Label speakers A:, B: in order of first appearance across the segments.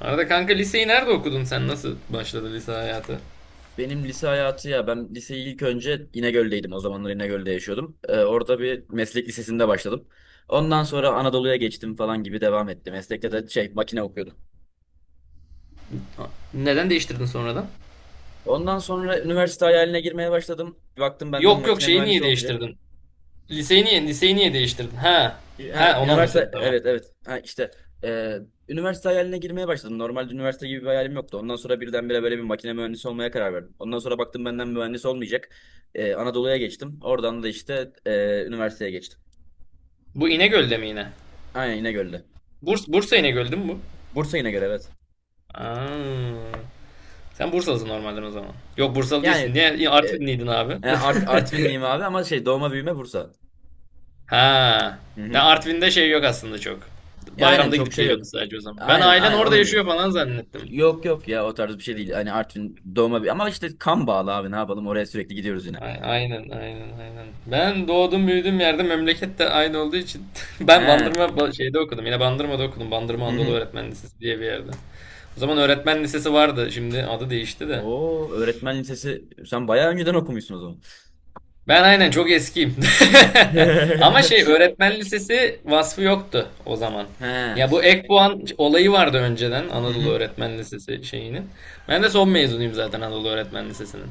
A: Arada kanka liseyi nerede okudun sen? Nasıl başladı lise hayatı?
B: Benim lise hayatı ya ben liseyi ilk önce İnegöl'deydim, o zamanlar İnegöl'de yaşıyordum. Orada bir meslek lisesinde başladım. Ondan sonra Anadolu'ya geçtim falan gibi devam etti. Meslekte de şey, makine okuyordum.
A: Neden değiştirdin sonradan?
B: Ondan sonra üniversite hayaline girmeye başladım. Bir baktım benden
A: Yok yok
B: makine
A: şeyi niye
B: mühendisi olmayacak.
A: değiştirdin? Liseyi niye değiştirdin? Ha.
B: Ha,
A: Ha onu anlatıyordun
B: üniversite,
A: tamam.
B: evet evet, ha, işte e, üniversite hayaline girmeye başladım. Normalde üniversite gibi bir hayalim yoktu. Ondan sonra birdenbire böyle bir makine mühendisi olmaya karar verdim. Ondan sonra baktım benden mühendis olmayacak. Anadolu'ya geçtim. Oradan da işte üniversiteye geçtim.
A: Bu İnegöl'de mi yine?
B: Aynen, İnegöl'de.
A: Bursa İnegöl'dü mü bu?
B: Bursa yine göre, evet.
A: Aa. Sen Bursalısın normalden o zaman. Yok Bursalı
B: Yani
A: değilsin. Niye
B: e,
A: Artvinliydin abi?
B: Artvinliyim abi ama şey, doğma büyüme Bursa.
A: ha.
B: Hı
A: Ya
B: hı.
A: Artvin'de şey yok aslında çok.
B: Aynen,
A: Bayramda
B: çok
A: gidip
B: şey yok.
A: geliyordun sadece o zaman. Ben
B: Aynen
A: ailen
B: aynen,
A: orada
B: onun gibi.
A: yaşıyor falan zannettim.
B: Yok yok, ya, o tarz bir şey değil. Hani Artvin doğma büyüme ama işte kan bağlı abi, ne yapalım, oraya sürekli gidiyoruz yine.
A: Aynen aynen aynen. Ben doğdum büyüdüğüm yerde memleket de aynı olduğu için ben
B: He.
A: şeyde okudum. Yine Bandırma'da okudum. Bandırma
B: Hı
A: Anadolu
B: hı.
A: Öğretmen Lisesi diye bir yerde. O zaman öğretmen lisesi vardı. Şimdi adı değişti de.
B: Oo, öğretmen lisesi, sen bayağı önceden okumuşsun o zaman.
A: Ben aynen çok eskiyim.
B: He.
A: Ama şey öğretmen lisesi vasfı yoktu o zaman.
B: He.
A: Ya bu ek puan olayı vardı önceden
B: Hı
A: Anadolu
B: hı.
A: Öğretmen Lisesi şeyinin. Ben de son mezunuyum zaten Anadolu Öğretmen Lisesi'nin.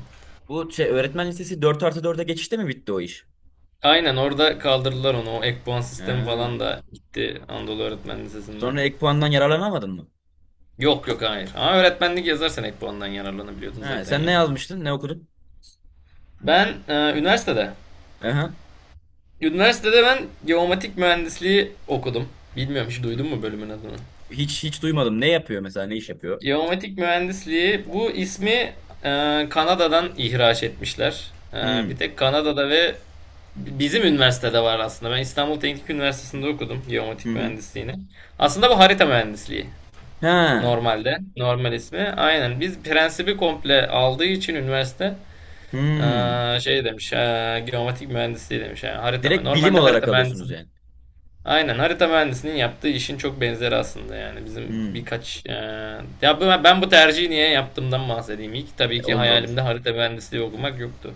B: Bu şey öğretmen lisesi dört artı 4'e geçişte mi bitti o iş?
A: Aynen orada kaldırdılar onu. O ek puan sistemi
B: He.
A: falan da gitti Anadolu Öğretmen Lisesi'nden.
B: Sonra ek puandan yararlanamadın mı?
A: Yok yok hayır. Ama öğretmenlik yazarsan ek puandan yararlanabiliyordun
B: He.
A: zaten
B: Sen
A: ya.
B: ne yazmıştın? Ne okudun?
A: Ben üniversitede.
B: Aha.
A: Üniversitede ben geomatik mühendisliği okudum. Bilmiyorum hiç duydun mu bölümün adını?
B: Hiç hiç duymadım. Ne yapıyor mesela? Ne iş yapıyor?
A: Geomatik mühendisliği bu ismi Kanada'dan ihraç etmişler. Bir
B: Hmm.
A: tek Kanada'da ve bizim üniversitede var aslında. Ben İstanbul Teknik Üniversitesi'nde okudum
B: Hı
A: geomatik
B: hı.
A: mühendisliğini. Aslında bu harita mühendisliği
B: Ha.
A: normalde. Normal ismi. Aynen. Biz prensibi komple aldığı için üniversite
B: Hmm.
A: Şey demiş, geomatik mühendisliği demiş. Yani
B: Direkt bilim
A: normalde
B: olarak
A: harita
B: alıyorsunuz
A: mühendisinin,
B: yani.
A: aynen harita mühendisinin yaptığı işin çok benzeri aslında yani. Bizim
B: Hmm.
A: birkaç, ben bu tercihi niye yaptığımdan bahsedeyim. İlk tabii ki
B: Olur olur.
A: hayalimde harita mühendisliği okumak yoktu.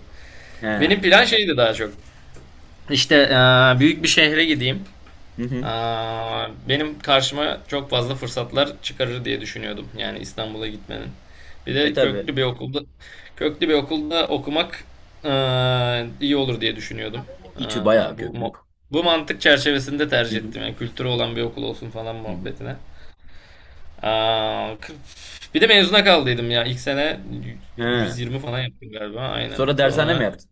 B: He.
A: Benim plan şeydi daha çok. İşte büyük bir şehre gideyim
B: Hı hı.
A: benim karşıma çok fazla fırsatlar çıkarır diye düşünüyordum. Yani İstanbul'a gitmenin. Bir de
B: Tabii.
A: köklü bir okulda okumak iyi olur diye düşünüyordum.
B: İTÜ bayağı
A: Aa, bu
B: köklü.
A: mo- bu mantık çerçevesinde
B: Hı
A: tercih
B: hı.
A: ettim. Yani kültürü olan bir okul olsun falan
B: Hı hı.
A: muhabbetine. Aa, k- bir de mezuna kaldıydım ya. İlk sene
B: He.
A: 120 falan yaptım galiba. Aynen.
B: Sonra dershane mi
A: Sonra
B: yaptın?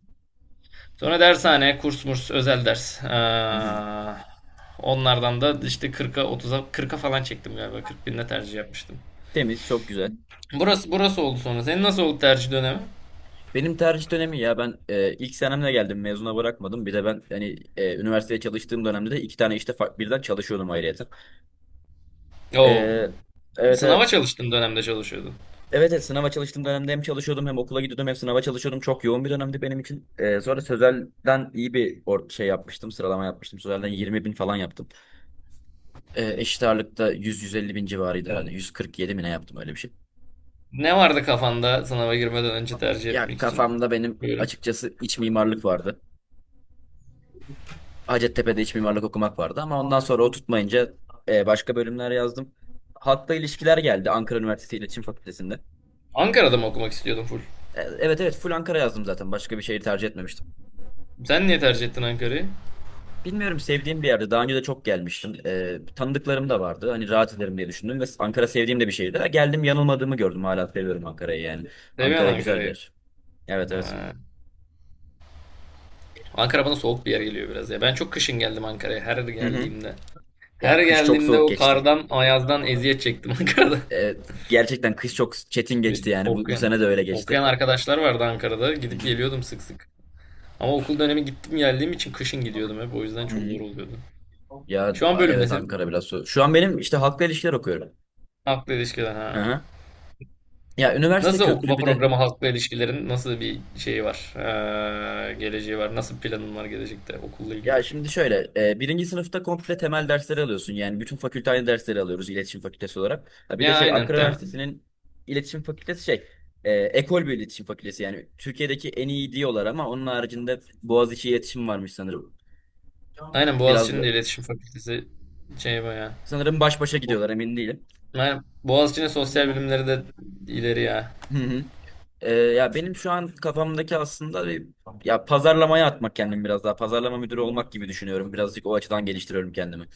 A: Sonra dershane, kurs murs, özel ders.
B: Hı hı.
A: Onlardan da işte 40'a 30'a 40'a falan çektim galiba. 40 binde tercih yapmıştım.
B: Temiz, çok güzel.
A: Burası burası oldu sonra. Senin nasıl oldu tercih dönemi?
B: Benim tercih dönemi, ya ben ilk senemle geldim, mezuna bırakmadım. Bir de ben hani üniversiteye çalıştığım dönemde de iki tane işte birden çalışıyordum ayrıyeten. E,
A: Oo.
B: evet
A: Sınava
B: evet.
A: çalıştın dönemde çalışıyordun.
B: Evet, evet, sınava çalıştığım dönemde hem çalışıyordum, hem okula gidiyordum, hem sınava çalışıyordum. Çok yoğun bir dönemdi benim için. Sonra Sözel'den iyi bir şey yapmıştım. Sıralama yapmıştım. Sözel'den 20 bin falan yaptım. Eşit ağırlıkta 100-150 bin civarıydı herhalde. 147 mi ne yaptım, öyle bir şey.
A: Ne vardı kafanda sınava girmeden önce tercih
B: Ya
A: etmek için?
B: kafamda benim
A: Buyurun.
B: açıkçası iç mimarlık vardı. Hacettepe'de iç mimarlık okumak vardı ama ondan sonra o tutmayınca başka bölümler yazdım. Halkla ilişkiler geldi, Ankara Üniversitesi İletişim Fakültesi'nde.
A: Ankara'da mı okumak istiyordun full?
B: Evet evet, full Ankara yazdım zaten. Başka bir şehir tercih etmemiştim.
A: Sen niye tercih ettin Ankara'yı?
B: Bilmiyorum, sevdiğim bir yerde. Daha önce de çok gelmiştim. Tanıdıklarım da vardı. Hani rahat ederim diye düşündüm ve Ankara sevdiğim de bir şehirdi. Ha, geldim, yanılmadığımı gördüm. Hala seviyorum Ankara'yı yani. Ankara
A: Seviyorsun
B: güzel bir
A: Ankara'yı.
B: yer. Evet evet.
A: Ha. Ankara bana soğuk bir yer geliyor biraz ya. Ben çok kışın geldim Ankara'ya her
B: Hı hı.
A: geldiğimde. Her
B: Ya, kış çok
A: geldiğimde
B: soğuk
A: o
B: geçti.
A: kardan, ayazdan eziyet çektim Ankara'da.
B: Ee, Gerçekten kış çok çetin geçti
A: Bir
B: yani. Bu
A: okuyan,
B: sene de öyle geçti.
A: okuyan arkadaşlar vardı Ankara'da.
B: Hı
A: Gidip
B: hı.
A: geliyordum sık sık. Ama okul dönemi gittim geldiğim için kışın gidiyordum hep. O yüzden
B: Hı
A: çok zor
B: hı.
A: oluyordu.
B: Ya,
A: Şu an bölüm ne
B: evet,
A: senin?
B: Ankara biraz soğuk. Şu an benim işte halkla ilişkiler okuyorum.
A: Halkla ilişkiler
B: Hı
A: ha.
B: hı. Ya, üniversite
A: Nasıl
B: köklü,
A: okuma
B: bir de
A: programı halkla ilişkilerin nasıl bir şeyi var? Geleceği var. Nasıl planın var gelecekte okulla ilgili?
B: ya, şimdi şöyle, birinci sınıfta komple temel dersleri alıyorsun. Yani bütün fakülte aynı dersleri alıyoruz iletişim fakültesi olarak. Ha, bir de
A: Ya
B: şey,
A: aynen.
B: Ankara Üniversitesi'nin iletişim fakültesi şey, ekol bir iletişim fakültesi. Yani Türkiye'deki en iyi diyorlar ama onun haricinde Boğaziçi iletişim varmış sanırım.
A: Aynen
B: Biraz
A: Boğaziçi'nin de iletişim fakültesi şey baya.
B: sanırım baş başa
A: Bu-
B: gidiyorlar, emin değilim.
A: Aynen. Boğaziçi'nin sosyal bilimleri de ileri ya.
B: Hı hı. Ya, benim şu an kafamdaki aslında bir, ya pazarlamaya atmak kendimi biraz daha. Pazarlama müdürü olmak gibi düşünüyorum. Birazcık o açıdan geliştiriyorum kendimi.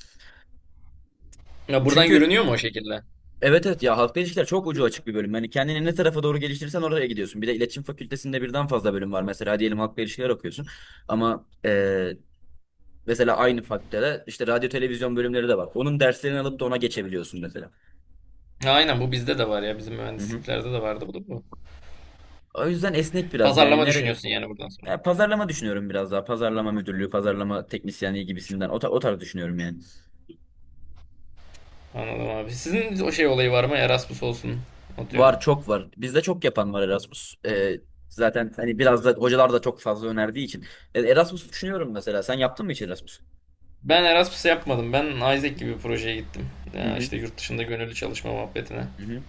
A: Ya buradan
B: Çünkü...
A: görünüyor mu o şekilde?
B: Evet evet, ya halkla ilişkiler çok ucu açık bir bölüm. Yani kendini ne tarafa doğru geliştirirsen oraya gidiyorsun. Bir de iletişim fakültesinde birden fazla bölüm var. Mesela diyelim halkla ilişkiler okuyorsun. Ama mesela aynı fakültede işte radyo televizyon bölümleri de var. Onun derslerini alıp da ona geçebiliyorsun mesela.
A: Ya aynen bu bizde de var ya. Bizim
B: Hı hı.
A: mühendisliklerde de vardı bu da.
B: O yüzden esnek biraz, yani
A: Pazarlama
B: nere...
A: düşünüyorsun yani buradan sonra.
B: Ya pazarlama düşünüyorum biraz daha. Pazarlama müdürlüğü, pazarlama teknisyenliği gibisinden o tarz düşünüyorum yani.
A: Anladım abi. Sizin o şey olayı var mı? Erasmus olsun. Atıyorum.
B: Var, çok var. Bizde çok yapan var Erasmus. Zaten hani biraz da hocalar da çok fazla önerdiği için. Erasmus düşünüyorum mesela. Sen yaptın mı hiç Erasmus?
A: Ben Erasmus yapmadım. Ben Isaac gibi bir projeye gittim.
B: Hı
A: Ya
B: hı.
A: işte yurt dışında gönüllü çalışma muhabbetine.
B: Hı hı.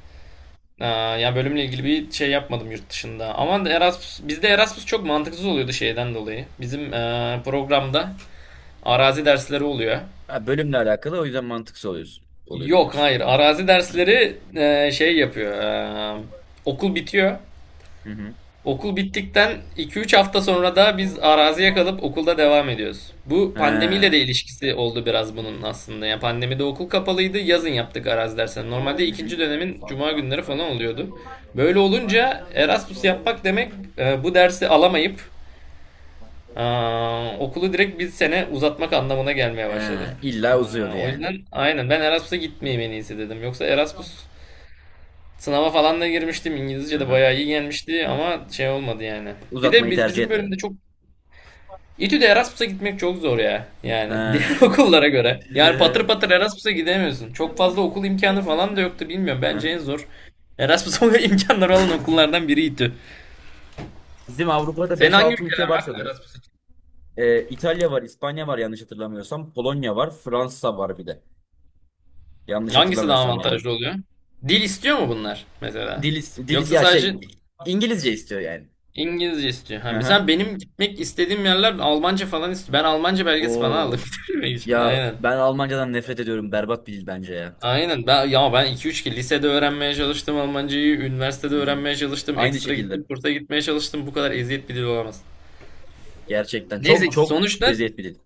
A: Ya bölümle ilgili bir şey yapmadım yurt dışında. Ama Erasmus, bizde Erasmus çok mantıksız oluyordu şeyden dolayı. Bizim programda arazi dersleri oluyor.
B: Ha, bölümle alakalı, o yüzden mantıksız oluyorsun. Oluyordu
A: Yok
B: diyorsun.
A: hayır arazi
B: Hı
A: dersleri şey yapıyor. Eee, Okul bitiyor.
B: hı. Hı.
A: Okul bittikten 2-3 hafta sonra da biz araziye kalıp okulda devam ediyoruz. Bu pandemiyle de
B: Ha.
A: ilişkisi oldu biraz bunun aslında. Yani pandemide okul kapalıydı, yazın yaptık arazi derslerini.
B: Hı
A: Normalde ikinci dönemin
B: hı.
A: cuma günleri falan oluyordu. Böyle olunca Erasmus yapmak demek bu dersi alamayıp e, okulu direkt bir sene uzatmak anlamına gelmeye
B: Ha,
A: başladı.
B: illa uzuyordu
A: O
B: yani.
A: yüzden aynen ben Erasmus'a gitmeyeyim en iyisi dedim. Yoksa sınava falan da girmiştim.
B: Hı
A: İngilizce de
B: hı.
A: bayağı iyi gelmişti ama şey olmadı yani. Bir de
B: Uzatmayı tercih
A: bizim bölümde
B: etmedin.
A: çok İTÜ'de Erasmus'a gitmek çok zor ya. Yani diğer
B: Ha.
A: okullara göre. Yani patır patır Erasmus'a gidemiyorsun. Çok fazla okul imkanı falan da yoktu bilmiyorum. Bence en
B: Hı.
A: zor Erasmus'a imkanları olan okullardan biri İTÜ.
B: Bizim Avrupa'da
A: Senin
B: beş
A: hangi
B: altı ülke
A: ülkeler
B: var
A: var
B: sanırım.
A: Erasmus için?
B: İtalya var, İspanya var, yanlış hatırlamıyorsam. Polonya var, Fransa var bir de. Yanlış
A: Hangisi daha
B: hatırlamıyorsam yani.
A: avantajlı oluyor? Dil istiyor mu bunlar mesela?
B: Dil,
A: Yoksa
B: ya şey,
A: sadece
B: İngilizce istiyor yani.
A: İngilizce istiyor.
B: Hı
A: Ha,
B: hı.
A: sen benim gitmek istediğim yerler Almanca falan istiyor. Ben Almanca belgesi falan aldım
B: Oo.
A: bitirmek için.
B: Ya
A: Aynen.
B: ben Almancadan nefret ediyorum. Berbat bir dil bence ya.
A: Aynen. Ben iki üç ki lisede öğrenmeye çalıştım Almancayı, üniversitede
B: Hı hı.
A: öğrenmeye çalıştım,
B: Aynı
A: ekstra gittim,
B: şekilde.
A: kursa gitmeye çalıştım. Bu kadar eziyet bir dil olamaz.
B: Gerçekten çok
A: Neyse
B: çok
A: sonuçta
B: eziyet bir dil.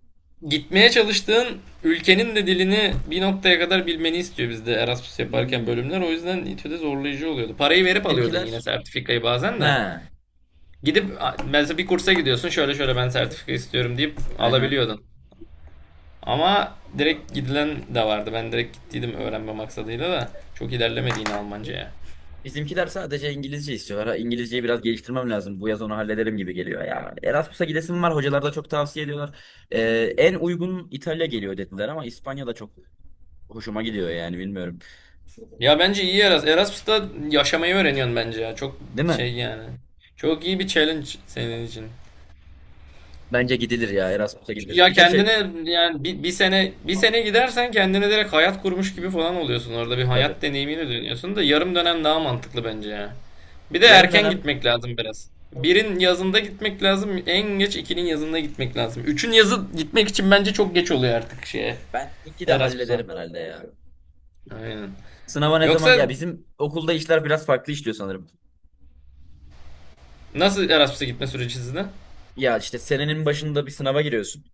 A: gitmeye çalıştığın ülkenin de dilini bir noktaya kadar bilmeni istiyor bizde Erasmus yaparken
B: Hmm.
A: bölümler. O yüzden İTÜ'de zorlayıcı oluyordu. Parayı verip alıyordun yine
B: Bizimkiler,
A: sertifikayı bazen
B: he.
A: de.
B: Hı
A: Gidip mesela bir kursa gidiyorsun şöyle şöyle ben sertifika istiyorum deyip
B: hı.
A: alabiliyordun. Ama direkt gidilen de vardı. Ben direkt gittiydim öğrenme maksadıyla da çok ilerlemedi Almanca'ya.
B: Bizimkiler sadece İngilizce istiyorlar. Ha, İngilizceyi biraz geliştirmem lazım. Bu yaz onu hallederim gibi geliyor ya. Erasmus'a gidesim var. Hocalar da çok tavsiye ediyorlar. En uygun İtalya geliyor dediler ama İspanya da çok hoşuma gidiyor yani, bilmiyorum.
A: Ya bence iyi Erasmus. Erasmus'ta yaşamayı öğreniyorsun bence ya. Çok
B: Değil mi?
A: şey yani. Çok iyi bir challenge senin için.
B: Bence gidilir ya, Erasmus'a
A: Çünkü
B: gidilir.
A: ya
B: Bir de şey...
A: kendine yani bir sene gidersen kendine direkt hayat kurmuş
B: Hı,
A: gibi falan oluyorsun. Orada bir
B: tabii.
A: hayat deneyimini dönüyorsun da yarım dönem daha mantıklı bence ya. Bir de
B: Yarım
A: erken
B: dönem,
A: gitmek lazım biraz. Birin yazında gitmek lazım. En geç ikinin yazında gitmek lazım. Üçün yazı gitmek için bence çok geç oluyor artık şeye.
B: ben iki de
A: Erasmus'a.
B: hallederim herhalde ya.
A: Aynen.
B: Sınava ne zaman,
A: Yoksa
B: ya bizim okulda işler biraz farklı işliyor sanırım.
A: nasıl Erasmus'a gitme süreci sizde?
B: Ya işte senenin başında bir sınava giriyorsun.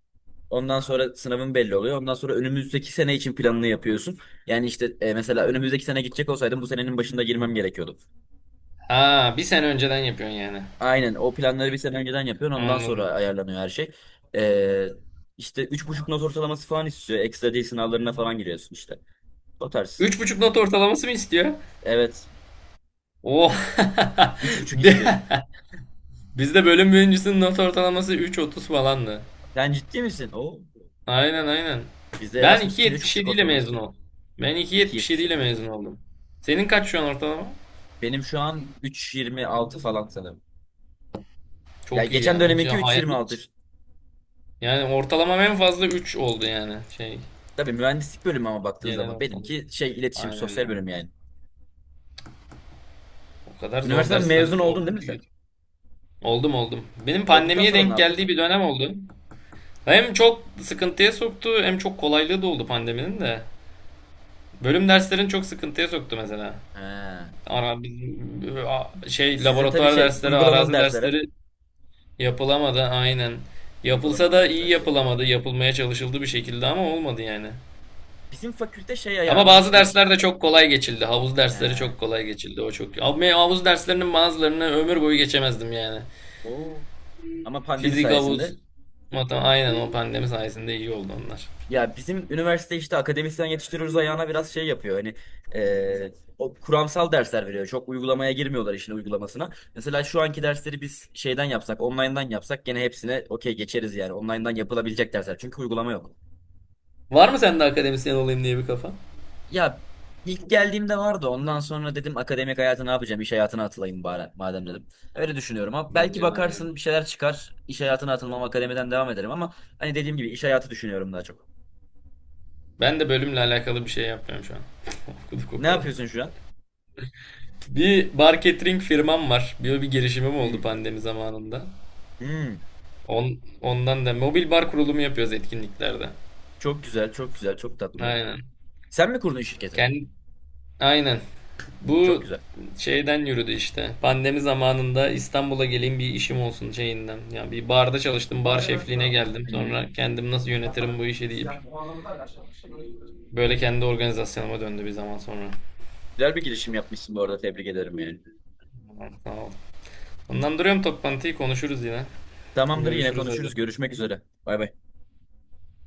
B: Ondan sonra sınavın belli oluyor. Ondan sonra önümüzdeki sene için planını yapıyorsun. Yani işte mesela önümüzdeki sene gidecek olsaydım bu senenin başında girmem gerekiyordu.
A: Aa, bir sene önceden yapıyorsun yani.
B: Aynen, o planları bir sene önceden yapıyorsun. Ondan sonra
A: Anladım.
B: ayarlanıyor her şey. E, işte 3,5 not ortalaması falan istiyor. Ekstra dil sınavlarına falan giriyorsun işte. O tarz.
A: 3,5 not ortalaması mı istiyor?
B: Evet.
A: Oh.
B: 3,5 istiyor.
A: Bi- Bizde bölüm birincisinin not ortalaması 3,30 falandı.
B: Sen ciddi misin? O,
A: Aynen aynen.
B: bizde
A: Ben
B: Erasmus için 3,5
A: 2,77 ile
B: ortalama
A: mezun
B: istiyor.
A: oldum. Ben
B: iki
A: 2,77
B: yetmiş
A: ile
B: yedi.
A: mezun oldum. Senin kaç şu an ortalama?
B: Benim şu an 3,26 falan sanırım. Ya,
A: Çok iyi
B: geçen
A: yani. Hiç,
B: döneminki
A: hayat,
B: 3,26.
A: hiç. Yani ortalamam en fazla 3 oldu yani. Şey,
B: Tabii mühendislik bölümü ama baktığın
A: genel
B: zaman
A: ortalama.
B: benimki şey, iletişim,
A: Aynen
B: sosyal
A: ya.
B: bölüm yani.
A: O kadar zor
B: Üniversiteden
A: dersler
B: mezun oldun değil
A: oldu
B: mi sen?
A: ki. Oldum oldum. Benim
B: Olduktan
A: pandemiye
B: sonra ne
A: denk
B: yaptın?
A: geldiği bir dönem oldu. Hem çok sıkıntıya soktu hem çok kolaylığı da oldu pandeminin de. Bölüm derslerini çok sıkıntıya soktu mesela.
B: He.
A: Ara, şey
B: Sizde tabii
A: laboratuvar
B: şey,
A: dersleri,
B: uygulamalı
A: arazi
B: dersler hep.
A: dersleri yapılamadı aynen. Yapılsa
B: Uygulamalı
A: da iyi
B: dersler.
A: yapılamadı. Yapılmaya çalışıldı bir şekilde ama olmadı yani.
B: Bizim fakülte şey
A: Ama
B: ayağına
A: bazı
B: işte,
A: dersler de çok kolay geçildi. Havuz dersleri
B: e,
A: çok kolay geçildi. O çok. Abi havuz derslerinin bazılarını ömür boyu geçemezdim yani.
B: o, ama pandemi
A: Fizik, havuz,
B: sayesinde...
A: matematik aynen o pandemi sayesinde iyi oldu onlar.
B: Ya bizim üniversite işte akademisyen yetiştiriyoruz ayağına biraz şey yapıyor. Hani e, o kuramsal dersler veriyor. Çok uygulamaya girmiyorlar, işin uygulamasına. Mesela şu anki dersleri biz şeyden yapsak, online'dan yapsak gene hepsine okey geçeriz yani. Online'dan yapılabilecek dersler. Çünkü uygulama yok.
A: Var mı sende akademisyen olayım diye bir kafa?
B: Ya ilk geldiğimde vardı. Ondan sonra dedim, akademik hayata ne yapacağım? İş hayatına atılayım bari madem dedim. Öyle düşünüyorum ama belki
A: Bence de aynen.
B: bakarsın bir şeyler çıkar. İş hayatına atılmam, akademiden devam ederim ama hani dediğim gibi iş hayatı düşünüyorum daha çok.
A: Ben de bölümle alakalı bir şey yapmıyorum şu an. Okuduk o
B: Ne
A: kadar.
B: yapıyorsun şu an?
A: Bir bar catering firmam var. Bir girişimim oldu
B: Hmm.
A: pandemi zamanında.
B: Hmm.
A: Ondan da mobil bar kurulumu yapıyoruz etkinliklerde.
B: Çok güzel, çok güzel, çok tatlı.
A: Aynen.
B: Sen mi kurdun şirketi?
A: Kendi, aynen.
B: Çok
A: Bu
B: güzel.
A: şeyden yürüdü işte. Pandemi zamanında İstanbul'a geleyim bir işim olsun şeyinden. Ya bir barda çalıştım, bar şefliğine geldim. Sonra
B: Hı.
A: kendim nasıl yönetirim bu işi deyip böyle kendi organizasyonuma döndü bir zaman sonra.
B: Güzel bir girişim yapmışsın bu arada. Tebrik ederim yani.
A: Tamam, sağ ol. Ondan duruyorum toplantıyı konuşuruz yine.
B: Tamamdır, yine
A: Görüşürüz
B: konuşuruz.
A: hadi.
B: Görüşmek üzere. Bay bay.